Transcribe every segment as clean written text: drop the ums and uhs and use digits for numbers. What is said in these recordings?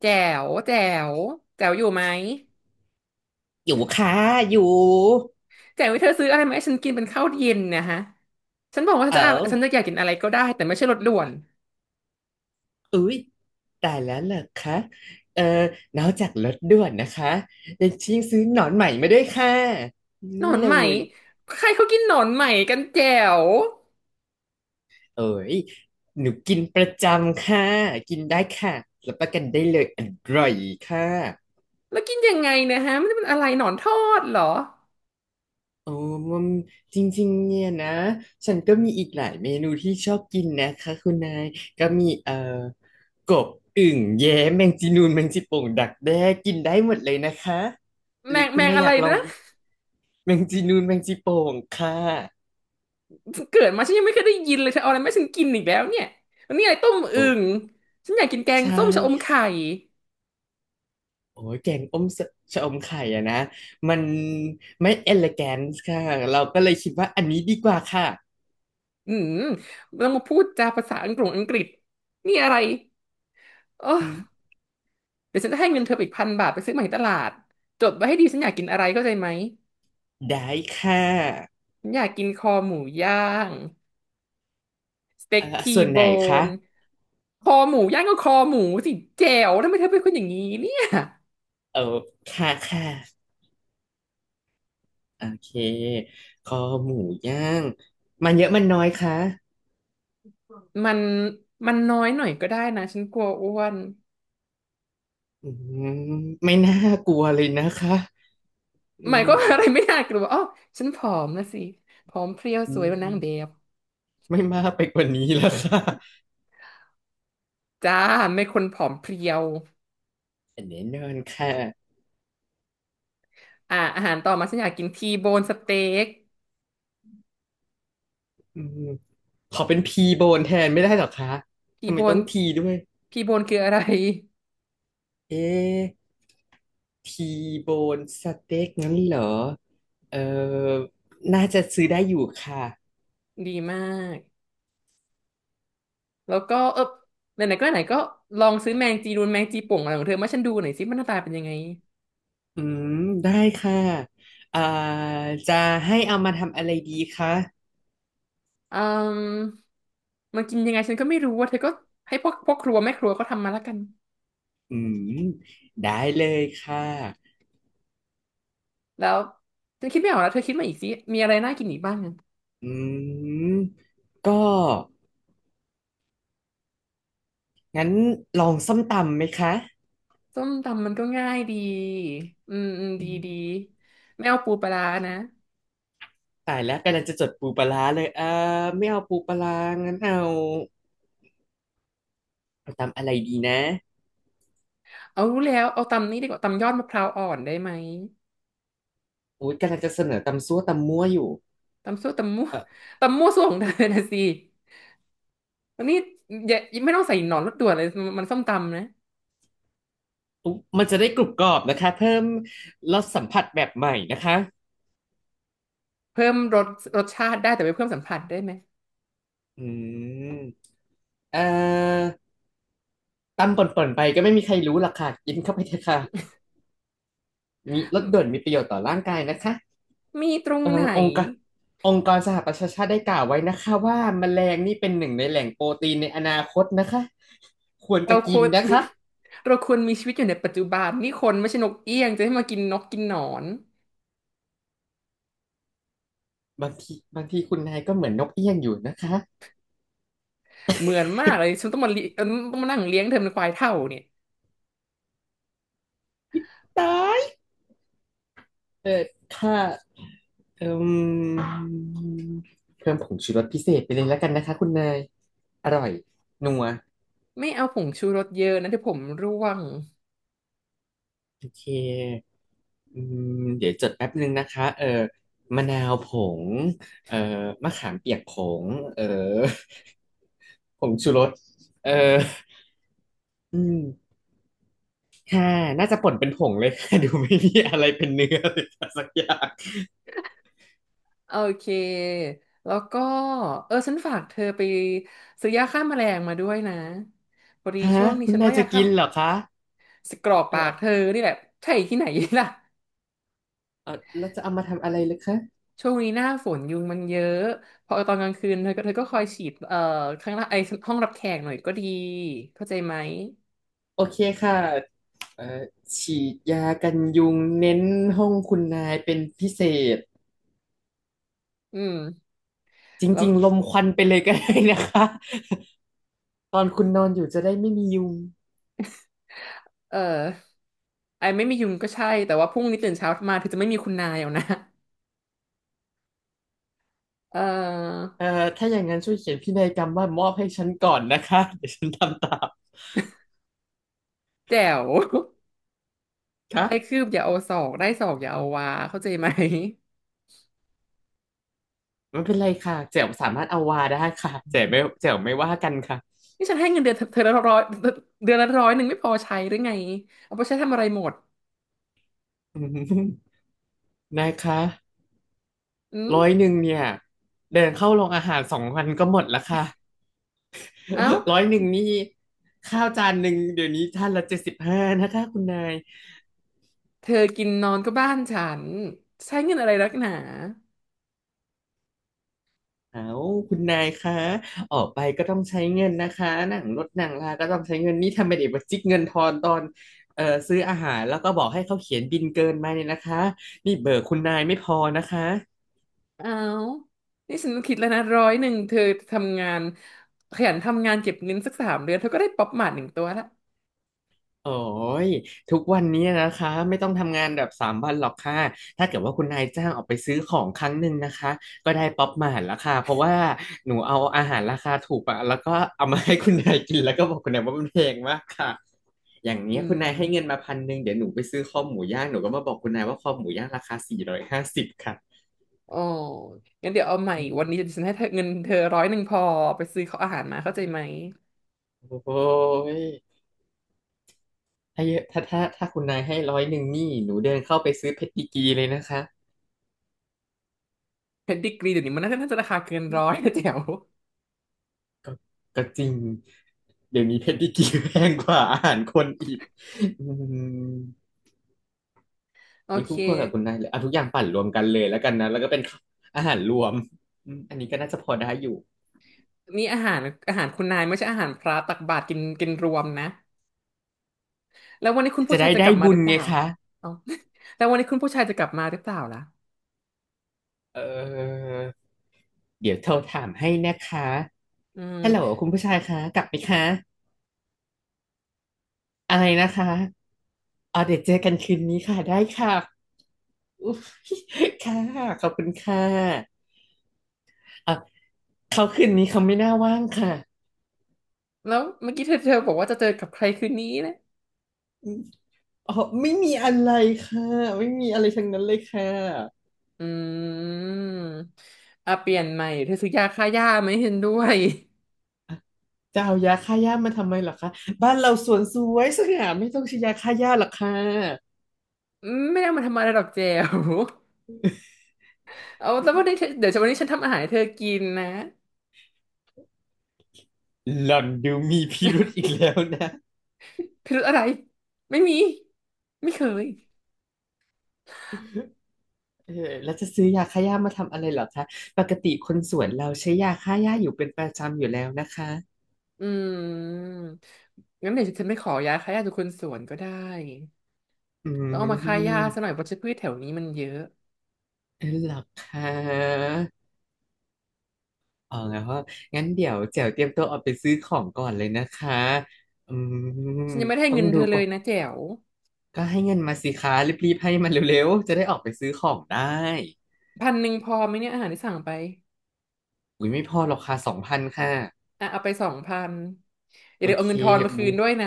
แจ๋วแจ๋วแจ๋วอยู่ไหมอยู่ค่ะอยู่แจ๋วเธอซื้ออะไรมาให้ฉันกินเป็นข้าวเย็นเนะฮะฉันบอกว่าฉันเออจะอะฉันจะอยากกินอะไรก็ได้แต่ไม่ใช่รสด่วนอุ๊ยตายแล้วเหรอคะเออนอกจากรถด่วนนะคะยังชิงซื้อหนอนใหม่มาด้วยค่ะนี่หนอนเลไหมยใครเขากินหนอนไหมกันแจ๋วเอ้ยหนูกินประจำค่ะกินได้ค่ะรับประกันได้เลยอร่อยค่ะ แล้วกินยังไงเนะฮะมันเป็นอะไรหนอนทอดเหรอโอ้มันจริงๆเนี่ยนะฉันก็มีอีกหลายเมนูที่ชอบกินนะคะคุณนายก็มีกบอึ่งแย้แมงจีนูนแมงจีโป่งดักแด้กินได้หมดเลยนะคะหแมรืองคุแมณงนายอะอไรยากลองนะแมงจีนูนแมงจีโป่งค่ะเกิดมาฉันยังไม่เคยได้ยินเลยเธอเอาอะไรมาให้ฉันกินอีกแล้วเนี่ยวันนี้อะไรต้มอึ่โอ้งฉันอยากกินแกงใช่ส้มชะอมไข่ค่ะโอ้ยแกงอมสชะอมไข่อะนะมันไม่เอล g แก n น e ค่ะเราก็เลยคิดว่าอันนี้ดีกว่าค่ะอืมต้องมาพูดจาภาษาอังกฤษอังกฤษนี่อะไรโอ้ อืมเดี๋ยวฉันจะให้เงินเธออีก1,000 บาทไปซื้อมาที่ตลาดจดไว้ให้ดีฉันอยากกินอะไรเข้าใจไหม ได้ค่ะฉันอยากกินคอหมูย่างสเต็กเอ่อทีส่วนโบไหนคะนคอหมูย่างก็คอหมูสิแจ๋วทำไมเธอเป็นคนอย่างนี้เนี่ยเออค่ะค่ะ โอเคคอหมูย่าง มันเยอะมันน้อยคะมันมันน้อยหน่อยก็ได้นะฉันกลัวอ้วนอืมไม่น่ากลัวเลยนะคะอืหมายความว่าอะไรมไม่น่ากลัวอ๋อฉันผอมนะสิผอมเพรียวอืสวยกว่านางแบมบไม่มากไปกว่านี้แล้วค่ะจ้าไม่คนผอมเพรียวแน่นอนค่ะอ่าอาหารต่อมาฉันอยากกินทีโบนสเต็กอืมขอเป็นพีโบนแทนไม่ได้หรอคะทีทำไมโบต้นองทีด้วยทีโบนคืออะไรเอ๊ะทีโบนสเต็กงั้นเหรอ เออน่าจะซื้อได้อยู่ค่ะดีมาก แล้วก็เออไหนๆก็ไหนๆก็ลองซื้อแมงจีนูนแมงจีป่องอะไรของเธอมาให้ฉันดูหน่อยสิมันหน้าตาเป็นยังไงอืมได้ค่ะ อ่าจะให้เอามาทำอะไรดีคะ อืมมันกินยังไงฉันก็ไม่รู้ว่าเธอก็ให้พวกครัวแม่ครัวก็ทำมาแล้วกันอืมได้เลยค่ะแล้วฉันคิดไม่ออกแล้วเธอคิดมาอีกสิมีอะไรน่ากินอีกบ้างอะอืมก็งั้นลองส้มตำไหมคะส้มตำมันก็ง่ายดีอืมอืมอืดีดีมไม่เอาปูปลาร้านะตายแล้วกำลังจะจดปูปลาร้าเลยเออไม่เอาปูปลาร้างั้นเอาเอาตำอะไรดีนะเอารู้แล้วเอาตำนี้ดีกว่าตำยอดมะพร้าวอ่อนได้ไหมอุ๊ยกำลังจะเสนอตำซั่วตำมั่วอยู่ตำซั่วตำมั่วเออตำมั่วซั่วของเธอนะสิอันนี้อย่าไม่ต้องใส่หนอนรถด่วนเลยมันส้มตำนะ อุ๊ยมันจะได้กรุบกรอบนะคะเพิ่มรสสัมผัสแบบใหม่นะคะเพิ่มรสชาติได้แต่ไม่เพิ่มสัมผัสได้ไหมอืมเอ่อตำป่นๆไปก็ไม่มีใครรู้หรอกค่ะกินเข้าไปเถอะค่ะมีรสมด่วนมีประโยชน์ต่อร่างกายนะคะ มีตรงทาไหนงองค์การองค์กรสหประชาชาติได้กล่าวไว้นะคะว่าแมลงนี่เป็นหนึ่งในแหล่งโปรตีนในอนาคตนะคะควรเราจะคกินวร นะคะ เราควรมีชีวิตอยู่ในปัจจุบันนี่คนไม่ใช่นกเอี้ยงจะให้มากินนกกินหนอนบางทีบางทีคุณนายก็เหมือนนกเอี้ยงอยู่นะคะเหมือนมากเลยฉันต้องมาเลี้ยเอิ่มต้องมานั่งเลี้ยงเธอเป็นควายเท่าเนี่ยตายเออค่ะเอิ่มเพิ่มผงชูรสพิเศษไปเลยแล้วกันนะคะคุณนายอร่อยนัว ไม่เอาผงชูรสเยอะนะเดี๋ยวผมร่วงโอเคอืมเดี๋ยวจดแป๊บนึงนะคะเออมะนาวผงเออมะขามเปียกผงเออผงชูรสเอออืมค่ะน่าจะป่นเป็นผงเลย ค่ะ ดูไม่มีอะไรเป็นเนื้อเลยค่ะสักอย่างโอเคแล้วก็เออฉันฝากเธอไปซื้อยาฆ่าแมลงมาด้วยนะพอดีฮะช่วงนี้คุณฉันนายว่าจะยาฆ่ากินเหรอคะสกรอกเอปากเธออนี่แหละใช่ที่ไหน ล่ะ เออแล้วจะเอามาทำอะไรเลยคะช่วงนี้หน้าฝนยุงมันเยอะพอตอนกลางคืนเธอก็คอยฉีดข้างล่างไอห้องรับแขกหน่อยก็ดีเข้าใจไหมโอเคค่ะเออฉีดยากันยุงเน้นห้องคุณนายเป็นพิเศษ อืมจแล้วริงๆ ลมควันไปเลยก็ได้นะคะ ตอนคุณนอนอยู่จะได้ไม่มียุงเอ่อไอไม่มียุงก็ใช่แต่ว่าพรุ่งนี้ตื่นเช้ามาเธอจะไม่มีคุณนายเอานะ เอ่อเอ่อถ้าอย่างนั้นช่วยเขียนพินัยกรรมว่ามอบให้ฉันก่อนนะคะ เดี๋ยวฉันทำตามแจ๋ว ได้คืค่ะบอย่าเอาศอกได้ศอกอย่าเอาวาเข้าใจไหมไม่เป็นไรค่ะแจ๋วสามารถเอาวาได้ค่ะแจ๋วไม่แจ๋วไม่ว่ากันค่ะ นี่ฉันให้เงินเดือนเธอเธอละร้อยเดือนละร้อยหนึ่งไม่พอใช้หรือไงเอาไปใช้ทำอะไรหมดอืมนะคะอืร้อยมหนึ่งเนี่ย เดินเข้าโรงอาหาร2 วันก็หมดแล้วค่ะ เอ้า 100นี่ข้าวจานหนึ่งเดี๋ยวนี้จานละ75นะคะคุณนาย เธอกินนอนก็บ้านฉันใช้เงินอะไรนักหนา เอาคุณนายคะออกไปก็ต้องใช้เงินนะคะหนังรถหนังลา ก็ต้องใช้เงินนี่ทำไมเด็กมาจิกเงินทอนตอนซื้ออาหารแล้วก็บอกให้เขาเขียนบิลเกินมาเนี่ยนะคะนี่เบอร์คุณนายไม่พอนะคะ อ้าว นี่ฉันคิดแล้วนะร้อยหนึ่งเธอทำงานขยันทำงานเก็บเงินสัก3 เดือนเธอก็ได้ป๊อปหมาดหนึ่งตัวละโอ้ยทุกวันนี้นะคะไม่ต้องทำงานแบบ3 วันหรอกค่ะถ้าเกิดว่าคุณนายจ้างออกไปซื้อของครั้งหนึ่งนะคะก็ได้ป๊อปมาหารราคาเพราะว่าหนูเอาอาหารราคาถูกอะแล้วก็เอามาให้คุณนายกินแล้วก็บอกคุณนายว่ามันแพงมากค่ะอย่างอืเนี้ยคุณมนายให้เงินมา1,000เดี๋ยวหนูไปซื้อคอหมูย่างหนูก็มาบอกคุณนายว่าคอหมูย่างราคา450ค่ะโอ้งั้นเดี๋ยวเอาใหม่อืมวันนี้ฉันให้เธอเงินเธอร้อยหนึ่งพอไปซื้อข้าวอาหารมาเข้าใจไหมโอ้ยถ้าเยอะถ้าคุณนายให้ร้อยหนึ่งนี่หนูเดินเข้าไปซื้อเพชรดีกรีเลยนะคะ เพชรดิกรีเดี๋ยวนี้มันน่าจะราคาเกินร้อยนะแจ๋วก็ก็จริงเดี๋ยวนี้เพดดิกีแพงกว่าอาหารคนอีกอืมโอไม่เค คู่ควรกับคุณนายเลยเอาทุกอย่างปั่นรวมกันเลยแล้วกันนะแล้วก็เป็นอาหารรวมอืมอันนี้ก็น่าจะพอได้อยู่นี่อาหารอาหารคุณนายไม่ใช่อาหารพระตักบาตรกินกินรวมนะแล้ววันนี้คุณผู้จะชาได้ยจะกได้ลับมาบุหญรือเปไงล่าคะเอา แล้ววันนี้คุณผู้ชายจะกลับมาหรือเปล่าล่ะเออเดี๋ยวโทรถามให้นะคะอืฮัลโหลมคุณผู้ชายคะกลับไหมคะอะไรนะคะอ๋อเดี๋ยวเจอกันคืนนี้ค่ะได้ค่ะอุ๊ยค่ะขอบคุณค่ะเอ่ะเขาคืนนี้เขาไม่น่าว่างค่ะ แล้วเมื่อกี้เธอบอกว่าจะเจอกับใครคืนนี้นะ อืมอ๋อไม่มีอะไรค่ะไม่มีอะไรทั้งนั้นเลยค่ะอืมอ่ะเปลี่ยนใหม่เธอซื้อยาฆ่าหญ้าไหมเห็นด้วย จะเอายาฆ่าหญ้ามาทำไมเหรอคะบ้านเราสวนสวยสง่าไม่ต้องใช้ยาฆ่าหญ้าหรอกค่ะ อืมไม่ได้เอามาทำอะไรหรอกเจล เอาแล้ววันนี้เธอเดี๋ยววันนี้ฉันทำอาหารให้เธอกินนะหล่อนดูมีพิรุธอีกแล้วนะพิรุธอะไรไม่มีไม่เคยเออแล้วจะซื้อยาฆ่าหญ้ามาทำอะไรเหรอคะปกติคนสวนเราใช้ยาฆ่าหญ้าอยู่เป็นประจำอยู่แล้วนะคะอืมงั้นเดี๋ยวฉันไปขอยาฆ่าหญ้าจากคนสวนก็ได้อืต้องเอามาฆ่าหญ้าซะหน่มอยเพราะพืชแถวนี้มันเยอะเออเหรอคะอ๋องั้นเดี๋ยวแจ๋วเตรียมตัวออกไปซื้อของก่อนเลยนะคะอืมฉันยังไม่ได้ให้ต้อเงิงนเธดูอเลก่อยน นะแจ๋วก็ให้เงินมาสิคะรีบๆให้มันเร็วๆจะได้ออกไปซื้อของได้1,000พอไหมเนี่ยอาหารที่สั่งไปอุ้ยไม่พอหรอกค่ะ2,000ค่ะอ่ะเอาไป2,000อย่าโอลืมเอาเคเงินทอนมาคืบูนด้วยนะ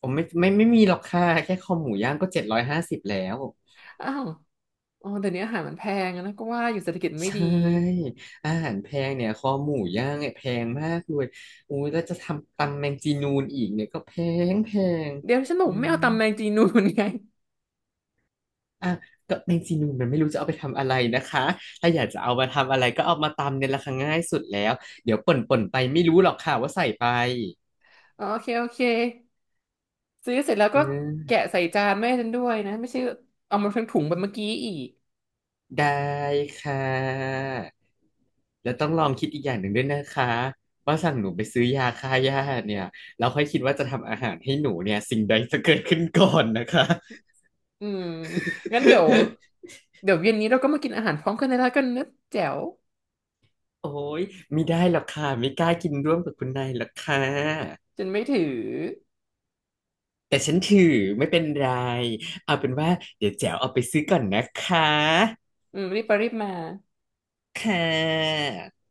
ผมไม่มีหรอกค่ะแค่คอหมูย่างก็750แล้วอ้าวอ๋อเดี๋ยวนี้อาหารมันแพงอะนะก็ว่าอยู่เศรษฐกิจไม่ใชดี่อาหารแพงเนี่ยคอหมูย่างเนี่ยแพงมากเลยอุ้ยแล้วจะทำตำแมงจีนูนอีกเนี่ยก็แพงแพงเดี๋ยวฉันบอกอืไม่มเอาตำแมงจีนูนไงอ่ะก็แมงจีนูนมันไม่รู้จะเอาไปทำอะไรนะคะถ้าอยากจะเอามาทำอะไรก็เอามาตำเนี่ยราคาง่ายสุดแล้วเดี๋ยวป่นป่นไปไม่รู้หรอกค่ะว่าใส่ไป อ๋อโอเคโอเคซื้อเสร็จแล้วเอก็แกะอใส่จานแม่ฉันด้วยนะ ไม่ใช่เอามาทั้งถุงแบบเมื่อกี้อีกได้ค่ะแล้วต้องลองคิดอีกอย่างหนึ่งด้วยนะคะว่าสั่งหนูไปซื้อยาฆ่าหญ้าเนี่ยเราค่อยคิดว่าจะทำอาหารให้หนูเนี่ยสิ่งใดจะเกิดขึ้นก่อนนะคะ อืมงั้นเดี๋ยว เดี๋ยวเย็นนี้เราก็มากินอาหารพร้อมกันได้แล้วกันนะแจ๋วโอ้ยไม่ได้หรอกค่ะไม่กล้ากินร่วมกับคุณนายหรอกค่ะฉันไม่ถือแต่ฉันถือไม่เป็นไรเอาเป็นว่าเดี๋ยวแจ๋วเอาไปซื้อก่อนนะคะอืมรีบไปรีบมาค่ะ